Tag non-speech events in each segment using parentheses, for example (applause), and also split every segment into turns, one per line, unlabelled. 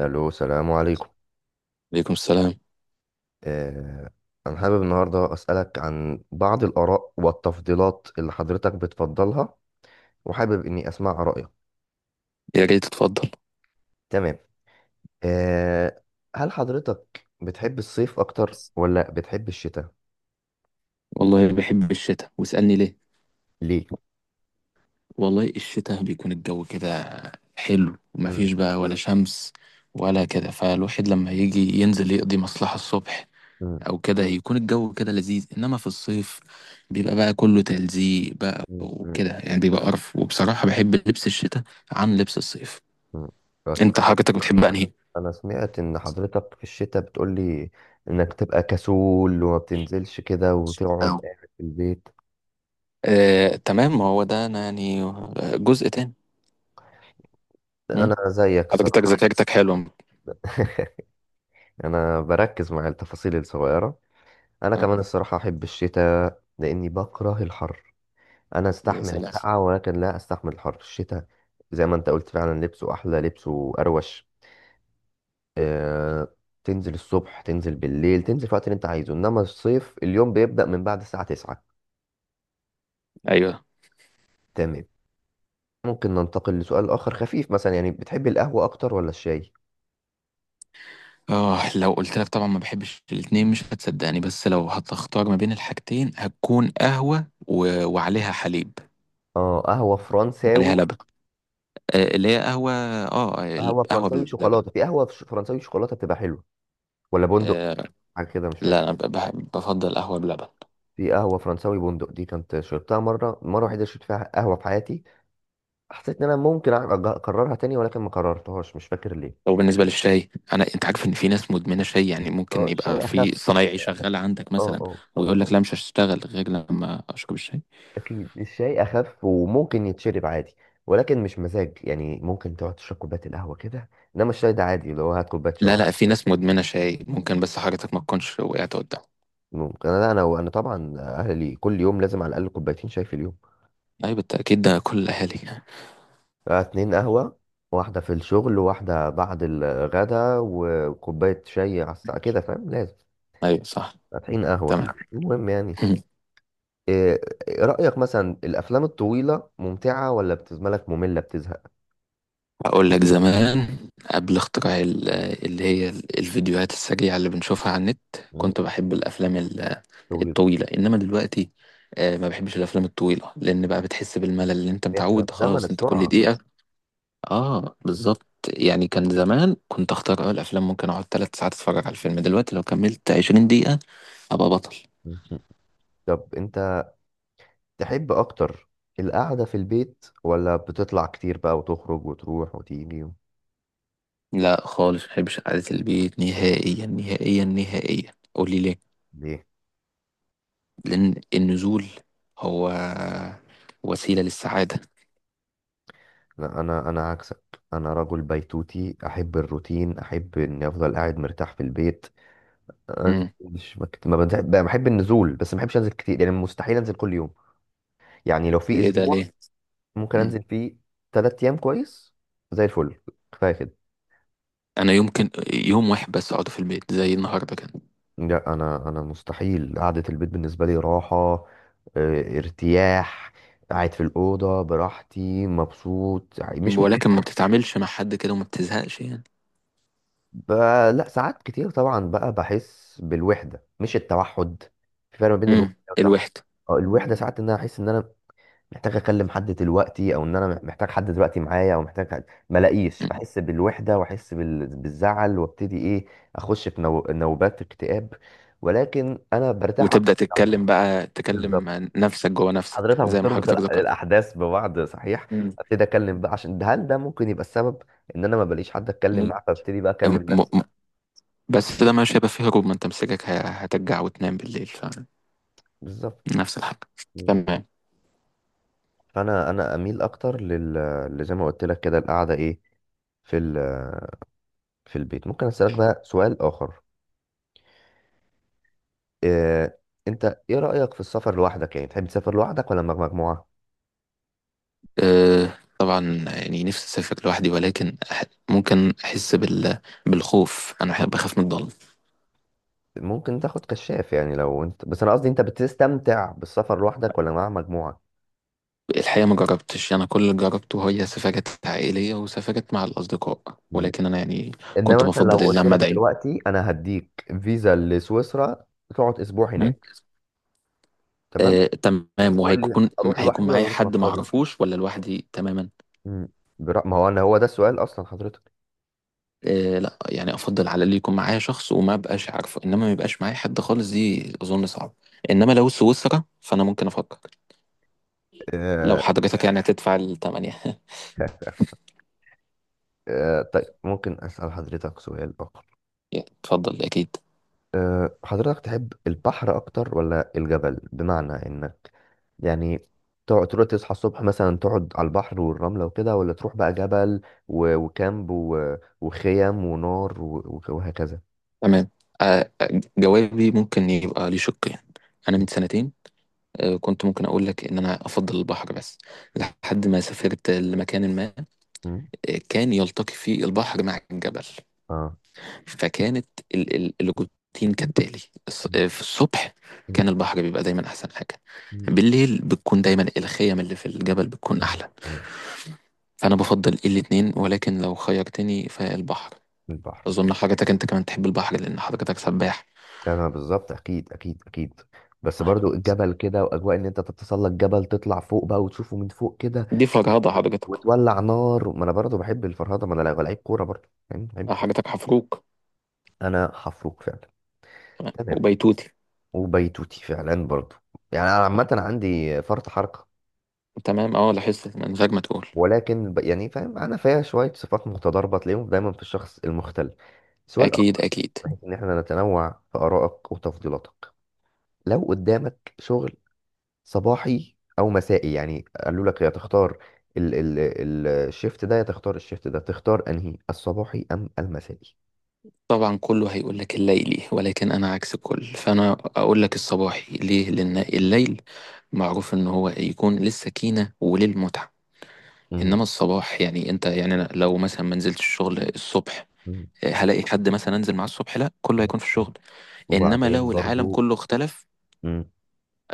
الو، السلام عليكم.
عليكم السلام.
آه، انا حابب النهارده اسالك عن بعض الاراء والتفضيلات اللي حضرتك بتفضلها، وحابب اني اسمع رايك.
يا ريت تتفضل.
تمام. آه، هل حضرتك بتحب الصيف اكتر ولا بتحب الشتاء؟
والله بحب الشتاء، واسألني ليه.
ليه؟
والله الشتاء بيكون الجو كده حلو،
مم،
ومفيش بقى ولا شمس ولا كده، فالواحد لما يجي ينزل يقضي مصلحة الصبح
مم،
أو كده يكون الجو كده لذيذ. إنما في الصيف بيبقى بقى كله تلزيق بقى
مم، مم،
وكده، يعني بيبقى قرف. وبصراحة بحب لبس الشتاء عن لبس الصيف.
مم. بس
أنت
انا
حضرتك بتحب أنهي؟
انا سمعت ان حضرتك في الشتاء بتقولي انك تبقى كسول وما بتنزلش كده وتقعد
أو.
قاعد في البيت.
تمام، ما هو ده أنا يعني جزء تاني. مم.
انا زيك
حضرتك
الصراحه.
ذاكرتك حلوة.
(laughs) انا بركز مع التفاصيل الصغيره. انا
آه،
كمان الصراحه احب الشتاء لاني بكره الحر. انا
يا
استحمل
سلام.
السقعه ولكن لا استحمل الحر. الشتاء زي ما انت قلت فعلا لبسه احلى، لبسه اروش. أه... تنزل الصبح، تنزل بالليل، تنزل في الوقت اللي انت عايزه، انما الصيف اليوم بيبدا من بعد الساعه 9.
ايوه.
تمام. ممكن ننتقل لسؤال اخر خفيف. مثلا يعني بتحب القهوه اكتر ولا الشاي؟
اه، لو قلت لك طبعا ما بحبش الاتنين مش هتصدقني، بس لو هتختار ما بين الحاجتين هتكون قهوة و... وعليها حليب.
اه، قهوه
عليها
فرنساوي.
لبن. آه، اللي هي قهوة،
قهوه
القهوة
فرنساوي
باللبن.
شوكولاته، في قهوه فرنساوي شوكولاته بتبقى حلوه، ولا بندق؟
آه
حاجه كده مش
لا،
فاكر.
انا بفضل قهوة بلبن.
في قهوة فرنساوي بندق دي كنت شربتها مرة، مرة وحيدة شربت فيها قهوة في حياتي. حسيت إن أنا ممكن أكررها تاني ولكن ما كررتهاش، مش فاكر ليه.
لو بالنسبة للشاي، انا انت عارف ان في ناس مدمنة شاي، يعني ممكن
اه
يبقى
الشاي أخف،
في صنايعي
الشاي أخف.
شغال عندك
اه،
مثلا،
اه،
ويقول لك لا مش هشتغل غير لما اشرب الشاي.
أكيد الشاي أخف وممكن يتشرب عادي، ولكن مش مزاج. يعني ممكن تقعد تشرب كوباية القهوة كده، إنما الشاي ده عادي اللي هو هات كوباية
لا
شاي.
لا، في ناس مدمنة شاي ممكن، بس حضرتك ما تكونش وقعت قدام.
ممكن أنا وأنا طبعا أهلي كل يوم لازم على الأقل كوبايتين شاي في اليوم.
اي بالتأكيد، ده كل الاهالي.
2 قهوة، واحدة في الشغل وواحدة بعد الغدا، وكوباية شاي على الساعة كده، فاهم لازم.
ايوه صح.
فاتحين قهوة في
تمام.
البيت، المهم يعني.
(laughs)
إيه، إيه رأيك مثلا الأفلام الطويلة ممتعة ولا بتزملك لك مملة بتزهق؟
اقول لك زمان، قبل اختراع اللي هي الفيديوهات السريعه اللي بنشوفها على النت،
مم.
كنت بحب الافلام
طويل.
الطويله. انما دلوقتي ما بحبش الافلام الطويله، لان بقى بتحس بالملل، اللي انت
إحنا في
متعود
زمن
خلاص انت كل
السرعة.
دقيقه. اه بالظبط. يعني كان زمان كنت اختار الافلام، ممكن اقعد ثلاث ساعات اتفرج على الفيلم. دلوقتي لو كملت 20 دقيقه ابقى بطل.
مم. طب أنت تحب أكتر القعدة في البيت ولا بتطلع كتير بقى وتخرج وتروح وتيجي
لا خالص، ما بحبش قعده البيت نهائيا نهائيا نهائيا. قولي ليه.
ليه؟
لأن النزول هو وسيلة للسعادة.
لا، أنا عكسك. أنا رجل بيتوتي، أحب الروتين، أحب إني أفضل قاعد مرتاح في البيت. أنا
مم.
مش ما بحب النزول، بس ما بحبش أنزل كتير. يعني مستحيل أنزل كل يوم. يعني لو في
إيه ده
أسبوع
ليه؟
ممكن
مم.
انزل فيه 3 ايام كويس، زي الفل، كفايه كده.
أنا يمكن يوم واحد بس أقعد في البيت، زي النهاردة كده.
لا انا مستحيل. قعده البيت بالنسبه لي راحه، ارتياح، قاعد في الاوضه براحتي مبسوط يعني. مش
ولكن ما بتتعاملش مع حد كده وما بتزهقش يعني.
ب... لا، ساعات كتير طبعا بقى بحس بالوحده، مش التوحد. في فرق ما بين الوحده
مم.
والتوحد.
الوحدة.
الوحده ساعات ان انا احس ان انا محتاج اكلم حد دلوقتي، او ان انا محتاج حد دلوقتي معايا، او محتاج حد ملاقيش،
مم.
بحس بالوحده واحس بالزعل وابتدي ايه، اخش في نوبات اكتئاب، ولكن انا برتاح
وتبدأ
اكتر عنهم.
تتكلم، بقى تكلم
بالظبط.
نفسك جوه نفسك،
حضرتك
زي ما
بتربط
حضرتك ذكرت.
الاحداث ببعض، صحيح.
مم.
ابتدي اكلم بقى عشان ده. هل ده ممكن يبقى السبب، ان انا ما بلاقيش حد اتكلم
م...
معاه فابتدي بقى
م...
اكلم نفسي؟
م... بس ده مش هيبقى فيه هروب، ما أنت مسكك هترجع وتنام بالليل.
بالظبط.
فنفس الحاجة. تمام.
فانا اميل اكتر لزي ما قلت لك كده، القعده ايه، في ال... في البيت. ممكن اسالك بقى سؤال اخر؟ إيه، انت ايه رأيك في السفر لوحدك، يعني تحب تسافر لوحدك ولا مع مجموعة؟
أه طبعا، يعني نفسي اسافر لوحدي، ولكن ممكن احس بالخوف. انا بحب اخاف من الضلمه.
ممكن تاخد كشاف. يعني لو انت، بس انا قصدي انت بتستمتع بالسفر لوحدك ولا مع مجموعة؟
الحقيقه ما جربتش، انا كل اللي جربته هي سفرات عائليه وسفرات مع الاصدقاء.
م.
ولكن انا يعني كنت
انما مثلا لو
بفضل
قلت
اللمه
لك
دايما.
دلوقتي انا هديك فيزا لسويسرا تقعد اسبوع
م?
هناك، تمام،
أه تمام.
تقول لي اروح
هيكون
لوحدي ولا
معايا
اروح مع
حد ما
اصحابي؟
اعرفوش ولا لوحدي تماما؟
م. ما هو انا هو ده السؤال اصلا، حضرتك.
أه لا، يعني افضل على اللي يكون معايا شخص وما بقاش عارفه، انما ما يبقاش معايا حد خالص دي اظن صعب. انما لو سويسرا فانا ممكن افكر. لو
آه،
حضرتك يعني هتدفع الثمانية. (laughs)
(laughs) طيب ممكن أسأل حضرتك سؤال آخر؟
اتفضل أكيد.
حضرتك تحب البحر أكتر ولا الجبل؟ بمعنى إنك يعني تقعد تروح تصحى الصبح مثلا تقعد على البحر والرملة وكده، ولا تروح بقى جبل وكامب وخيم ونار وهكذا؟
تمام. جوابي ممكن يبقى ليه شقين. أنا
م-،
من سنتين كنت ممكن أقول لك إن أنا أفضل البحر، بس لحد ما سافرت لمكان ما
م-،
كان يلتقي فيه البحر مع الجبل.
اه،
فكانت الروتين كالتالي:
م-،
في الصبح
م-،
كان البحر بيبقى دايما أحسن حاجة،
م-،
بالليل بتكون دايما الخيم اللي في الجبل بتكون
آه.
أحلى.
آه.
فأنا بفضل الاتنين، ولكن لو خيرتني فالبحر.
البحر.
أظن حضرتك أنت كمان تحب البحر لأن حضرتك سباح.
يعني انا بالظبط، اكيد اكيد اكيد. بس برضو الجبل كده، واجواء ان انت تتسلق جبل، تطلع فوق بقى وتشوفه من فوق كده،
دي فرهضة
و-
حضرتك.
وتولع نار. ما انا برضو بحب الفرهده، ما انا لعيب، لعيب كوره برضو، يعني بحب الفرهدة.
حضرتك حفروك.
انا حفروك فعلا.
تمام
تمام
وبيتوتي.
وبيتوتي فعلا برضو. يعني انا عامه عندي فرط حركه،
تمام. اه، لاحظت من غير ما تقول.
ولكن يعني فاهم انا فيها شويه صفات متضاربه، تلاقيهم دايما في الشخص المختل. سؤال
اكيد
اخر،
اكيد.
بحيث ان احنا نتنوع في ارائك وتفضيلاتك. لو قدامك شغل صباحي او مسائي، يعني قالوا لك يا تختار الشيفت ده يا تختار الشيفت ده، تختار انهي، الصباحي ام المسائي؟
طبعا كله هيقول لك الليلي، ولكن انا عكس الكل، فانا اقول لك الصباحي. ليه؟ لان الليل معروف ان هو يكون للسكينة وللمتعة.
مم.
انما الصباح يعني انت يعني أنا لو مثلا ما نزلتش الشغل الصبح
مم.
هلاقي حد مثلا انزل معاه الصبح؟ لا، كله هيكون في الشغل. انما
وبعدين
لو العالم
برضو.
كله اختلف
مم.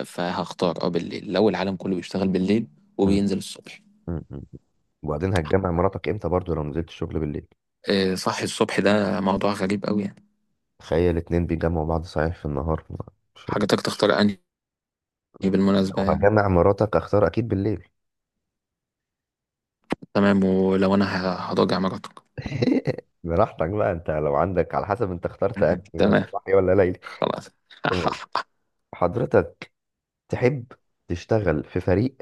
فهختار بالليل، لو العالم كله بيشتغل بالليل وبينزل الصبح.
م-، م. م. وبعدين هتجمع مراتك امتى برضو لو نزلت الشغل بالليل؟
إيه صح الصبح، ده موضوع غريب قوي يعني.
تخيل الاتنين بيجمعوا بعض، صحيح، في النهار، مش
حاجتك تختار انهي بالمناسبة، يعني.
وهجمع مراتك. اختار اكيد بالليل.
تمام ولو انا هراجع مراتك.
(laughs) براحتك بقى، انت لو عندك، على حسب انت اخترت انهي
(laughs)
بقى،
تمام
صباحي ولا ليلي.
خلاص. (laughs)
تمام. حضرتك تحب تشتغل في فريق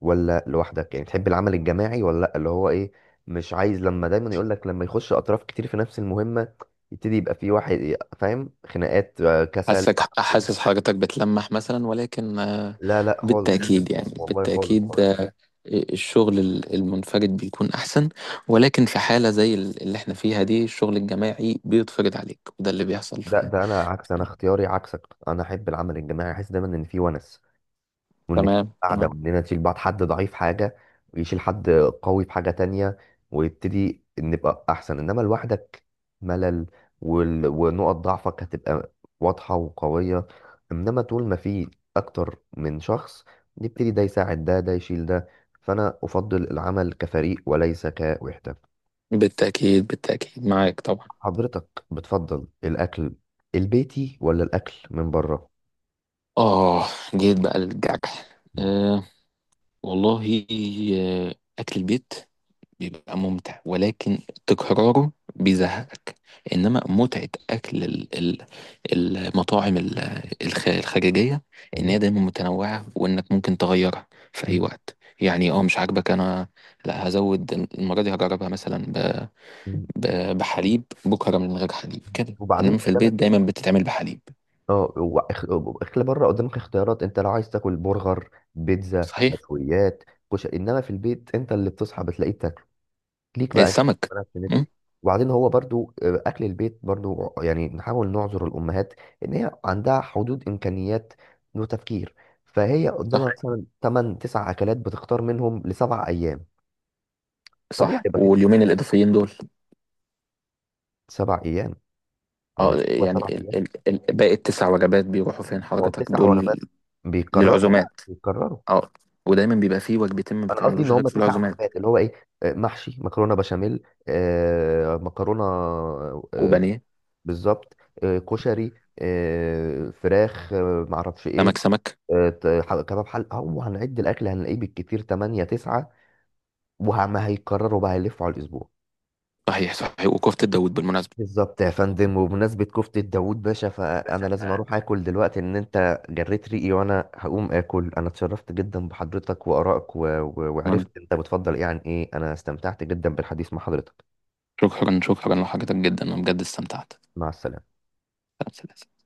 ولا لوحدك؟ يعني تحب العمل الجماعي ولا لا، اللي هو ايه، مش عايز لما دايما يقول لك لما يخش اطراف كتير في نفس المهمة يبتدي يبقى في واحد فاهم خناقات، كسل.
حاسس حاجتك بتلمح مثلا ولكن.
لا، لا خالص.
بالتأكيد. (laughs) يعني
والله خالص
بالتأكيد
خالص.
آه، الشغل المنفرد بيكون أحسن، ولكن في حالة زي اللي احنا فيها دي الشغل الجماعي بيتفرض عليك، وده اللي بيحصل
ده
ف-
ده انا عكس، انا اختياري عكسك. انا احب العمل الجماعي، احس دايما ان في ونس،
(laughs)
وان في
تمام
قاعده،
تمام.
واننا نشيل بعض. حد ضعيف في حاجه ويشيل حد قوي في حاجه تانية، ويبتدي نبقى احسن. انما لوحدك ملل، ونقط ضعفك هتبقى واضحه وقويه. انما طول ما في اكتر من شخص، نبتدي ده يساعد ده، ده يشيل ده. فانا افضل العمل كفريق وليس كوحده.
بالتأكيد بالتأكيد معاك طبعا.
حضرتك بتفضل الاكل البيتي ولا الاكل من بره؟
آه، جيت بقى للجرح.
مم.
والله أكل البيت بيبقى ممتع، ولكن تكراره بيزهقك. إنما متعة أكل المطاعم الخارجية، إن
ايوه.
هي دايما متنوعة وإنك ممكن تغيرها في أي
مم.
وقت. يعني مش عاجبك أنا، لا هزود، المرة دي هجربها مثلا
مم.
بحليب، بكرة من غير حليب كده.
وبعدين
إنما في البيت
قدامك،
دايما بتتعمل بحليب.
اه هو اكل بره قدامك اختيارات. انت لو عايز تاكل برجر، بيتزا،
صحيح.
مشويات، كشري. انما في البيت انت اللي بتصحى بتلاقيه بتاكله، ليك بقى انت
السمك.
مالكش نفس.
مم،
وبعدين هو برضو اكل البيت برضو، يعني نحاول نعذر الامهات ان هي عندها حدود امكانيات وتفكير. فهي
صح
قدامها مثلا 8 9 اكلات، بتختار منهم لسبع ايام. طبيعي
صح.
يبقى في
واليومين الإضافيين دول،
7 أيام. ما هو
اه
هو
يعني
سبع أيام
ال باقي التسع وجبات بيروحوا فين
ما هو
حضرتك
9 وجبات،
دول؟
بيكرروا بقى
للعزومات.
بيكرروا.
اه. ودايما بيبقى فيه وجبتين ما
أنا قصدي إن
بتعملوش غير
هم
في
تسع
العزومات.
وجبات اللي هو إيه، محشي، مكرونة بشاميل، مكرونة، آه،
وبانيه.
بالظبط، كشري، فراخ، معرفش
سمك
إيه،
سمك.
كباب. حل، أو هنعد الأكل هنلاقيه بالكتير 8 أو 9. وما هيكرروا بقى، هيلفوا على الأسبوع.
صحيح صحيح، وكفتة داوود بالمناسبة.
بالظبط يا فندم. وبمناسبة كفتة داوود باشا، فأنا
باشا.
لازم
تعال.
أروح آكل دلوقتي، إن أنت جريت ريقي وأنا هقوم آكل. أنا اتشرفت جدا بحضرتك وآرائك
وانا
وعرفت أنت بتفضل إيه عن إيه. أنا استمتعت جدا بالحديث مع حضرتك.
شكرا شكرا لحضرتك جدا، انا بجد استمتعت.
مع السلامة.
سلام سلام.